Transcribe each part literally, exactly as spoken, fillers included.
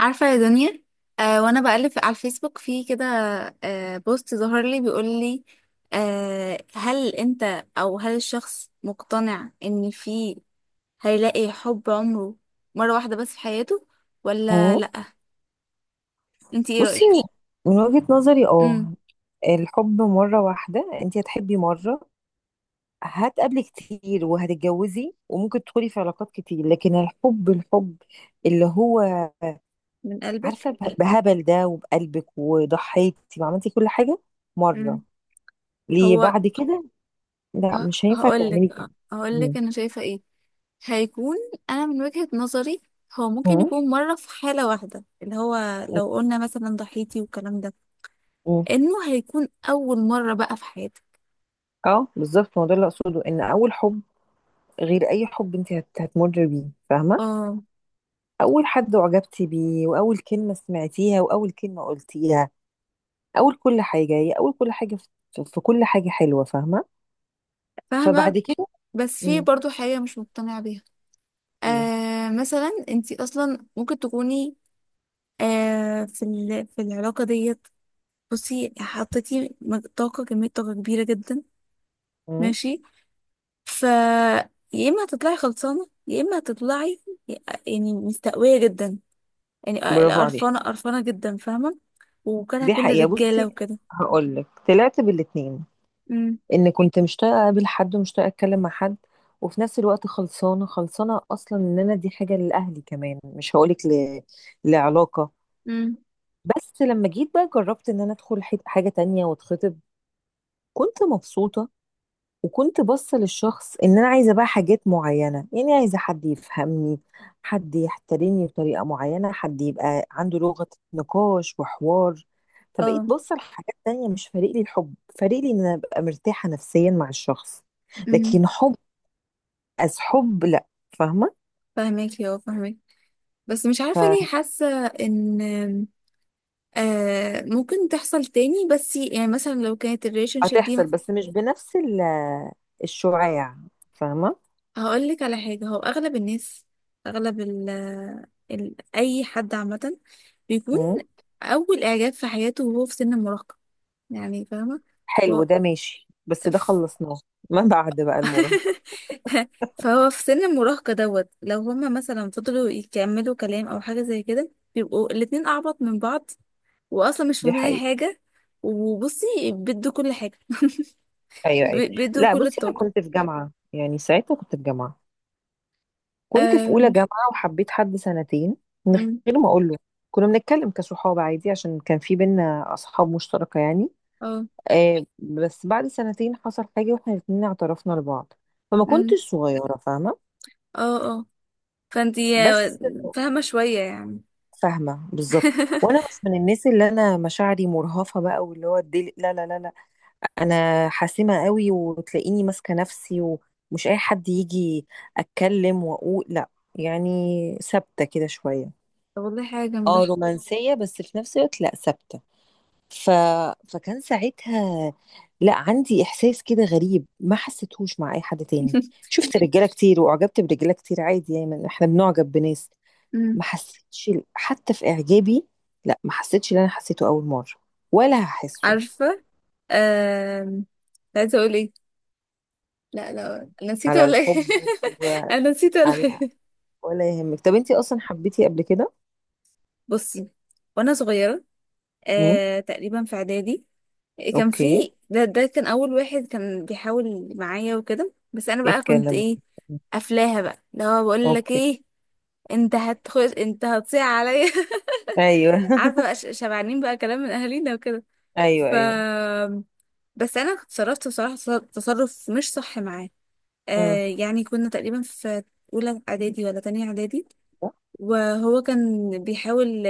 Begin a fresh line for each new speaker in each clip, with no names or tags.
عارفة يا دنيا؟ آه وانا بقلب في- على الفيسبوك في كده. آه بوست ظهر لي بيقول لي، آه هل انت او هل الشخص مقتنع ان في، هيلاقي حب عمره مرة واحدة بس في حياته ولا
مم.
لا؟ انت ايه
بصي،
رأيك؟
من وجهة نظري اه
امم.
الحب مرة واحدة. انت هتحبي مرة، هتقابلي كتير وهتتجوزي وممكن تدخلي في علاقات كتير، لكن الحب الحب اللي هو،
من
عارفة،
قلبك.
به- بهبل ده، وبقلبك، وضحيتي وعملتي كل حاجة مرة.
امم.
ليه
هو
بعد كده؟ لا،
ه-
مش هينفع
هقولك
تعملي كده. مم.
هقولك انا شايفة ايه. هيكون، انا من وجهة نظري هو ممكن
مم.
يكون مرة في حالة واحدة، اللي هو لو قلنا مثلا ضحيتي والكلام ده،
مم.
انه هيكون اول مره بقى في حياتي.
اه بالظبط، ما هو ده اللي اقصده، ان اول حب غير اي حب انت هت- هتمر بيه، فاهمة؟
اه،
أول حد أعجبتي بيه، وأول كلمة سمعتيها، وأول كلمة قلتيها، أول كل حاجة هي أول كل حاجة في, في كل حاجة حلوة، فاهمة؟
فاهمه.
فبعد كده.
بس في
امم.
برضو حاجه مش مقتنعه بيها.
ايه.
آه مثلا انتي اصلا ممكن تكوني، آه في ال- في العلاقه ديت، بصي حطيتي مج- طاقه كميه طاقه كبيره جدا،
امم.
ماشي. ف يا اما هتطلعي خلصانه يا اما هتطلعي يعني مستقويه جدا، يعني
برافو عليك.
قرفانه قرفانه جدا، فاهمه؟ وكانها
دي
كل
حقيقة،
الرجاله
بصي،
وكده.
هقولك طلعت بالاتنين.
امم،
إن كنت مشتاقة أقابل حد ومشتاقة أتكلم مع حد، وفي نفس الوقت خلصانة خلصانة أصلا، إن أنا، دي حاجة لأهلي كمان، مش هقولك ل... لعلاقة.
امم،
بس لما جيت بقى، جربت إن أنا أدخل حت- حاجة تانية، واتخطب. كنت مبسوطة، وكنت باصه للشخص ان انا عايزه بقى حاجات معينه، يعني عايزه حد يفهمني، حد يحترمني بطريقه معينه، حد يبقى عنده لغه نقاش وحوار. فبقيت
اه،
باصه لحاجات تانية، مش فارق لي الحب، فارق لي ان انا ابقى مرتاحه نفسيا مع الشخص.
امم.
لكن حب، از حب، لا، فاهمه؟
فاهمك، يا فاهمك. بس مش عارفة ليه حاسة ان آه ممكن تحصل تاني، بس يعني مثلا لو كانت الريليشن شيب دي.
فهتحصل، بس مش بنفس ال- الشعاع، فاهمه؟
هقولك على حاجة، هو اغلب الناس، اغلب ال ال اي حد عامة بيكون
مم.
اول اعجاب في حياته وهو في سن المراهقة، يعني فاهمة؟ و...
حلو، ده ماشي، بس ده
ف-
خلصناه. ما بعد بقى المراهقه.
فهو في سن المراهقة دوت، لو هما مثلا فضلوا يكملوا كلام او حاجة زي كده بيبقوا الاتنين اعبط من بعض، واصلا مش
دي
فاهمين اي
حقيقة.
حاجه. وبصي، بيدوا كل حاجه.
ايوه،
ب-
ايوه.
بيدوا
لا،
كل
بصي، انا
الطاقه.
كنت في جامعه، يعني ساعتها كنت في جامعه، كنت في اولى
آم،
جامعه، وحبيت حد سنتين من
أم،
غير ما اقول له. كنا بنتكلم كصحاب عادي، عشان كان في بينا اصحاب مشتركه يعني.
اه،
آه بس بعد سنتين حصل حاجه، واحنا الاثنين اعترفنا لبعض، فما
أم،
كنتش صغيره، فاهمه؟
اه، اه. فانتي
بس.
آه، فاهمه شويه يعني.
فاهمه بالظبط. وانا مش من الناس اللي انا مشاعري مرهفه بقى، واللي هو الدل... لا لا لا لا، انا حاسمه قوي، وتلاقيني ماسكه نفسي، ومش اي حد يجي اتكلم واقول لا، يعني ثابته كده شويه.
طب والله حاجه
اه،
جامده.
رومانسيه، بس في نفس الوقت لا، ثابته. ف... فكان ساعتها لا، عندي احساس كده غريب، ما حسيتهوش مع اي حد تاني. شفت رجاله كتير، واعجبت برجاله كتير عادي، يعني احنا بنعجب بناس. ما
أم،
حسيتش حتى في اعجابي، لا، ما حسيتش اللي انا حسيته اول مره، ولا هحسه.
عارفه، آم، كنت عايزه اقول ايه؟ لا لا، انا نسيت
على
ولا ايه؟
الحب.
انا نسيت ولا
وعلى.
ايه؟
ولا يهمك، طب انتي اصلا حبيتي قبل كده؟
بصي، وانا صغيره
امم.
آه، تقريبا في اعدادي، كان
اوكي.
في ده ده كان اول واحد كان بيحاول معايا وكده، بس انا
ايه
بقى كنت
الكلام
ايه؟
ده؟
قافلاها بقى. اللي هو بقول لك
اوكي.
ايه؟ انت هتخش، انت هتصيع عليا.
ايوه
عارفه بقى ش- شبعانين بقى كلام من اهالينا وكده.
ايوه،
ف
ايوه.
بس انا اتصرفت بصراحه تص- تصرف مش صح معاه.
امم.
آه يعني كنا تقريبا في اولى اعدادي ولا تانية اعدادي، وهو كان بيحاول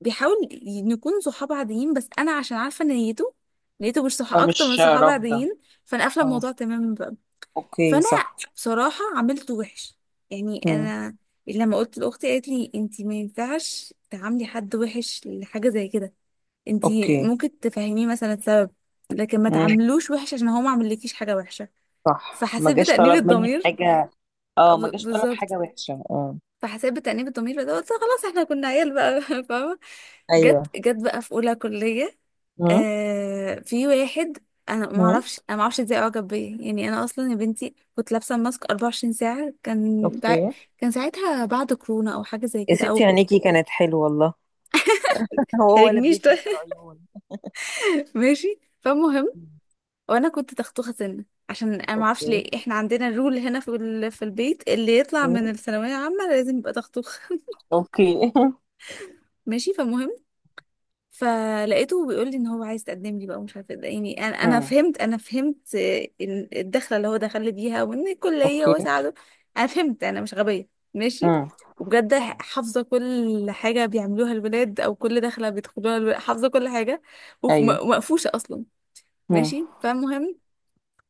بيحاول ي- نكون صحاب عاديين، بس انا عشان عارفه ان نيته نيته مش صحاب، اكتر من
فمش
صحاب
رافضة.
عاديين. فانا قافله
اه.
الموضوع تماما بقى.
اوكي،
فانا
صح.
بصراحه عملته وحش، يعني
امم.
انا لما قلت لاختي قالت لي انت ما ينفعش تعاملي حد وحش لحاجه زي كده، انت
اوكي.
ممكن تفهميه مثلا السبب، لكن ما
امم.
تعاملوش وحش عشان هو ما عملكيش حاجه وحشه.
صح، ما
فحسيت
جاش
بتأنيب
طلب منك
الضمير.
حاجه. اه، ما
ب-
جاش طلب
بالظبط.
حاجه وحشه، اه.
فحسيت بتأنيب الضمير، بس قلت خلاص، احنا كنا عيال بقى. فاهمه؟ جت
ايوه.
جت بقى في اولى كليه،
امم.
آه في واحد، انا ما
امم.
اعرفش انا ما اعرفش ازاي اعجب بيا، يعني انا اصلا يا بنتي كنت لابسه ماسك أربعة وعشرين ساعه، كان بع...
اوكي.
كان ساعتها بعد كورونا او حاجه زي
يا
كده،
ستي،
او
عينيكي كانت حلوه والله. هو ولا
حرجنيش
بيفهم
طيب.
في العيون.
ماشي، فالمهم.
مم.
وانا كنت تختوخه سنه، عشان انا ما اعرفش
اوكي.
ليه احنا عندنا الرول هنا في ال... في البيت، اللي يطلع
مم.
من الثانويه عامه لازم يبقى تختوخ.
اوكي
ماشي، فالمهم. فلقيته بيقول لي ان هو عايز يتقدم لي بقى، ومش عارفه ده يعني. انا انا
مم.
فهمت انا فهمت آه، إن الدخله اللي هو دخل لي بيها، وان الكليه
اوكي.
وساعده. انا فهمت، انا مش غبيه، ماشي.
مم.
وبجد، حافظه كل حاجه بيعملوها الولاد، او كل دخله بيدخلوها الولاد، حافظه كل حاجه، وف- م-
ايوه.
ومقفوشه اصلا.
مم.
ماشي، فالمهم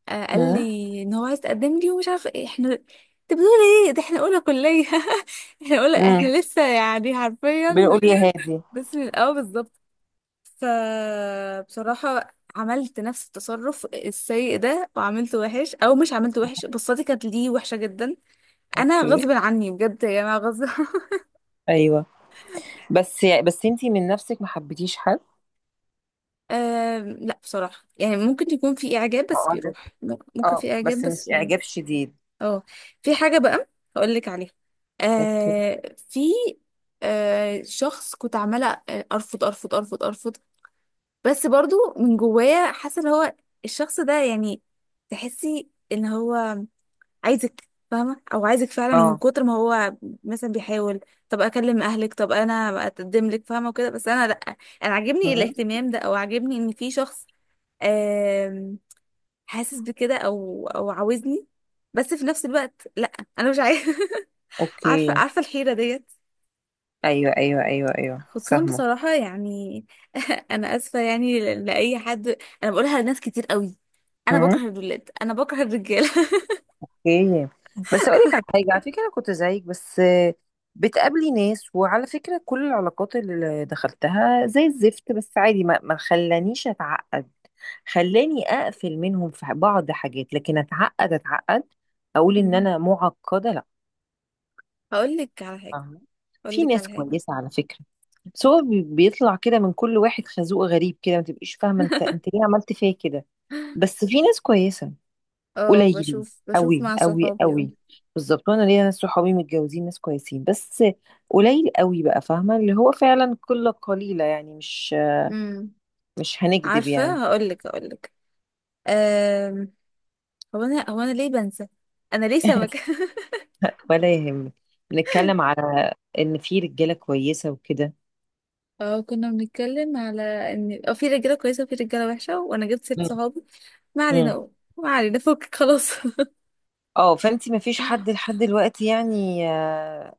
آه، قال
مم.
لي ان هو عايز يتقدم لي، ومش عارفه ايه. احنا انت بتقول ايه؟ ده احنا اولى كليه. احنا اولى
مم.
احنا لسه يعني حرفيا
بنقول يا هادي.
بس من الاول بالظبط. فبصراحة عملت نفس التصرف السيء ده، وعملته وحش او مش عملته وحش، بصتي كانت ليه وحشة جماعة. انا
اوكي.
غصب عني بجد يا جماعة، غصب.
ايوه، بس بس انتي من نفسك ما حبيتيش حد؟
آم، لا بصراحة، يعني ممكن يكون في إعجاب بس
معجب.
بيروح، م- ممكن
اه،
في إعجاب
بس مش
بس بيروح.
اعجاب شديد.
اه، في حاجة بقى هقول لك عليها.
اوكي.
آه في، آه شخص كنت عمالة آه، أرفض أرفض أرفض أرفض، بس برضو من جوايا حاسة اللي هو الشخص ده، يعني تحسي ان هو عايزك فاهمة، او عايزك فعلا من
اه.
كتر ما هو مثلا بيحاول، طب اكلم اهلك، طب انا اقدم لك، فاهمة، وكده. بس انا لا، انا عاجبني
مم.
الاهتمام ده، او عاجبني ان في شخص آم، حاسس بكده، او او عاوزني، بس في نفس الوقت لا، انا مش عايزة. عارفة
اوكي.
عارفة الحيرة ديت؟
ايوه، ايوه، ايوه، ايوه،
خصوصا
فاهمه.
بصراحة يعني. انا اسفة يعني ل- لاي حد، انا بقولها لناس كتير قوي، انا
مم.
بكره الولاد، انا بكره الرجالة.
اوكي. بس اقول لك على حاجه، على فكره انا كنت زيك، بس آه، بتقابلي ناس، وعلى فكره كل العلاقات اللي دخلتها زي الزفت، بس عادي، ما ما خلانيش اتعقد، خلاني اقفل منهم في بعض حاجات، لكن اتعقد اتعقد اقول ان انا معقده، لا.
هقول لك على حاجة
فاهمة؟
هقول
في
لك
ناس
على حاجة
كويسه على فكره، بس هو بي- بيطلع كده من كل واحد خازوق غريب، كده ما تبقيش فاهمه، انت انت ليه عملت فيا كده؟ بس في ناس كويسه،
اه،
قليلين
بشوف بشوف
قوي
مع
قوي
صحابي، اه.
قوي. بالظبط، وانا ليا ناس صحابي متجوزين ناس كويسين، بس قليل قوي بقى، فاهمه؟ اللي هو فعلا قله قليله، يعني مش
امم.
مش هنكذب يعني.
عارفة، هقولك هقولك أم... هو انا هو انا ليه بنسى؟ انا ليه سمكة؟
ولا يهمك، بنتكلم على ان في رجاله كويسه وكده.
اه، كنا بنتكلم على ان اه في رجالة كويسة وفي رجالة وحشة، وانا جبت ست
مم.
صحابي، ما
مم.
علينا، ما علينا، فكك، خلاص.
اه، فانت ما فيش حد لحد دلوقتي يعني آه،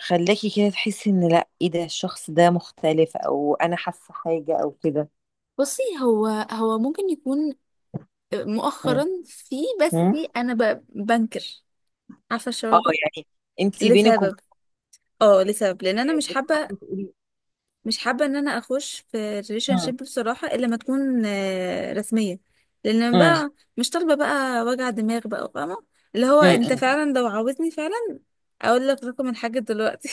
خلاكي كده تحسي ان، لا، ايه ده، الشخص ده مختلف، او انا حاسه حاجه او كده؟
بصي، هو هو ممكن يكون آه،
مم.
مؤخرا في، بس
مم.
انا ب... بنكر. عارفة
اه
الشعور ده؟
يعني، انت بينك وبين
لسبب اه لسبب لان انا
آه،
مش حابة،
بتحبي تقولي.
مش حابه ان انا اخش في ريليشن
مم.
شيب بصراحه الا ما تكون آه، رسميه، لان أنا
مم.
بقى مش طالبه بقى وجع دماغ بقى، فاهمه؟ اللي هو
مم.
انت
مم.
فعلا لو عاوزني فعلا اقول لك رقم الحاج دلوقتي.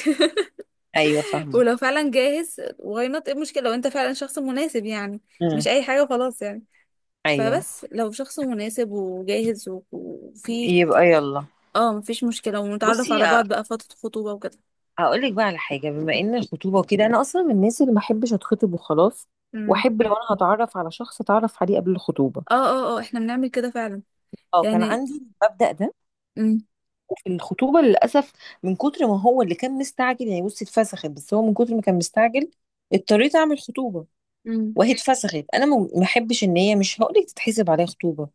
ايوه فاهمه.
ولو فعلا جاهز واي نوت، ايه المشكله؟ لو انت فعلا شخص مناسب، يعني
مم.
مش اي حاجه خلاص يعني.
ايوه،
فبس لو شخص مناسب وجاهز و- وفي،
يبقى يلا.
اه، مفيش مشكله ونتعرف
بصي،
على بعض بقى فتره خطوبه وكده.
هقول لك بقى على حاجه، بما ان الخطوبه وكده، انا اصلا من الناس اللي ما احبش اتخطب وخلاص،
امم،
واحب لو انا هتعرف على شخص اتعرف عليه قبل الخطوبه.
اه اه اه، احنا بنعمل كده فعلا
اه، كان
يعني.
عندي المبدا ده.
امم،
وفي الخطوبه للاسف، من كتر ما هو اللي كان مستعجل يعني، بصي اتفسخت، بس هو من كتر ما كان مستعجل، اضطريت اعمل خطوبه.
امم،
وهي اتفسخت، انا ما ما احبش ان هي، مش هقول لك تتحسب عليها خطوبه،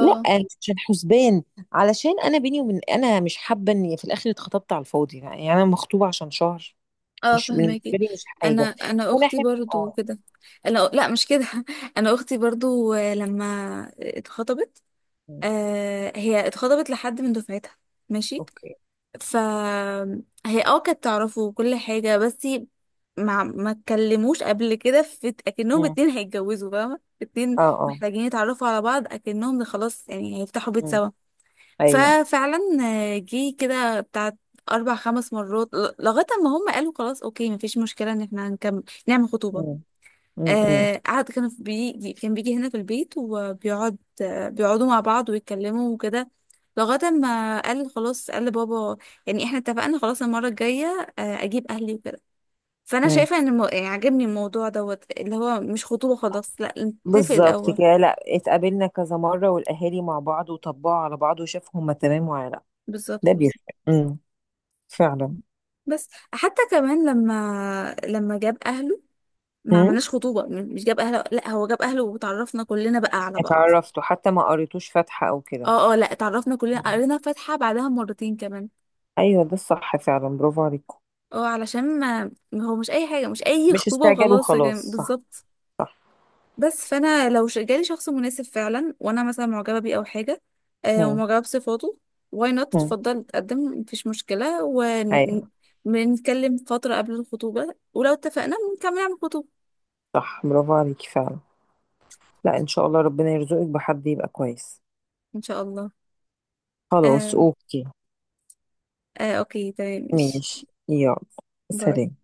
لا مش عشان حسبان، علشان انا، بيني وبين، انا مش حابه ان في الاخر اتخطبت على الفاضي، يعني انا مخطوبه عشان شهر،
اه،
مش بالنسبه
فهماكي.
لي، مش
انا
حاجه.
انا
فانا
اختي
احب،
برضو
اه.
كده. انا لا، مش كده. انا اختي برضو آه، لما اتخطبت،
مم.
آه هي اتخطبت لحد من دفعتها، ماشي.
اوكي.
فهي اه كانت تعرفه وكل حاجه، بس ما ما اتكلموش قبل كده، في اكنهم
مم.
اتنين هيتجوزوا، فاهمه، اتنين
اه، اه.
محتاجين يتعرفوا على بعض اكنهم خلاص يعني هيفتحوا بيت
مم.
سوا.
ايوه.
ففعلا آه، جه كده بتاع اربع خمس مرات، ل- لغايه ما هم قالوا خلاص اوكي مفيش مشكله ان احنا هنكمل نعمل خطوبه.
مم. مم. مم.
آه قعد، كان في بيجي كان بيجي هنا في البيت وبيقعد، آه بيقعدوا مع بعض ويتكلموا وكده، لغايه ما قال خلاص، قال لبابا يعني احنا اتفقنا، خلاص المره الجايه آه اجيب اهلي وكده. فانا
مم.
شايفه ان الم... يعني عجبني الموضوع دوت، اللي هو مش خطوبه خلاص، لا نتفق
بالظبط
الاول.
كده، لا، اتقابلنا كذا مرة، والأهالي مع بعض، وطبقوا على بعض، وشافوا هما تمام ولا لا.
بالظبط،
ده
بالظبط.
بيفرق. مم. فعلا.
بس حتى كمان لما لما جاب اهله ما
مم.
عملناش خطوبة، م- مش جاب اهله، لا هو جاب اهله وتعرفنا كلنا بقى على بعض.
اتعرفتوا حتى؟ ما قريتوش فاتحة أو كده؟
اه اه، لا تعرفنا كلنا،
مم.
قرينا فاتحة بعدها مرتين كمان.
أيوه، ده الصح فعلا، برافو عليكم.
اه، علشان ما ما هو مش اي حاجة، مش اي
مش
خطوبة
استعجال
وخلاص يا جماعة،
وخلاص، صح.
بالظبط.
صح.
بس فانا لو ش- جالي شخص مناسب فعلا، وانا مثلا معجبة بيه او حاجة، آه
مم.
ومعجبة بصفاته، واي نوت،
مم.
اتفضل اتقدم، مفيش مشكلة،
أيوه،
ونتكلم فترة قبل الخطوبة، ولو اتفقنا نكمل على الخطوبة.
صح، برافو عليكي فعلا. لا، إن شاء الله ربنا يرزقك بحد يبقى كويس.
ان شاء الله.
خلاص
آه،
أوكي.
آه، اوكي، تمام، ماشي.
ماشي يلا.
باي.
سلام.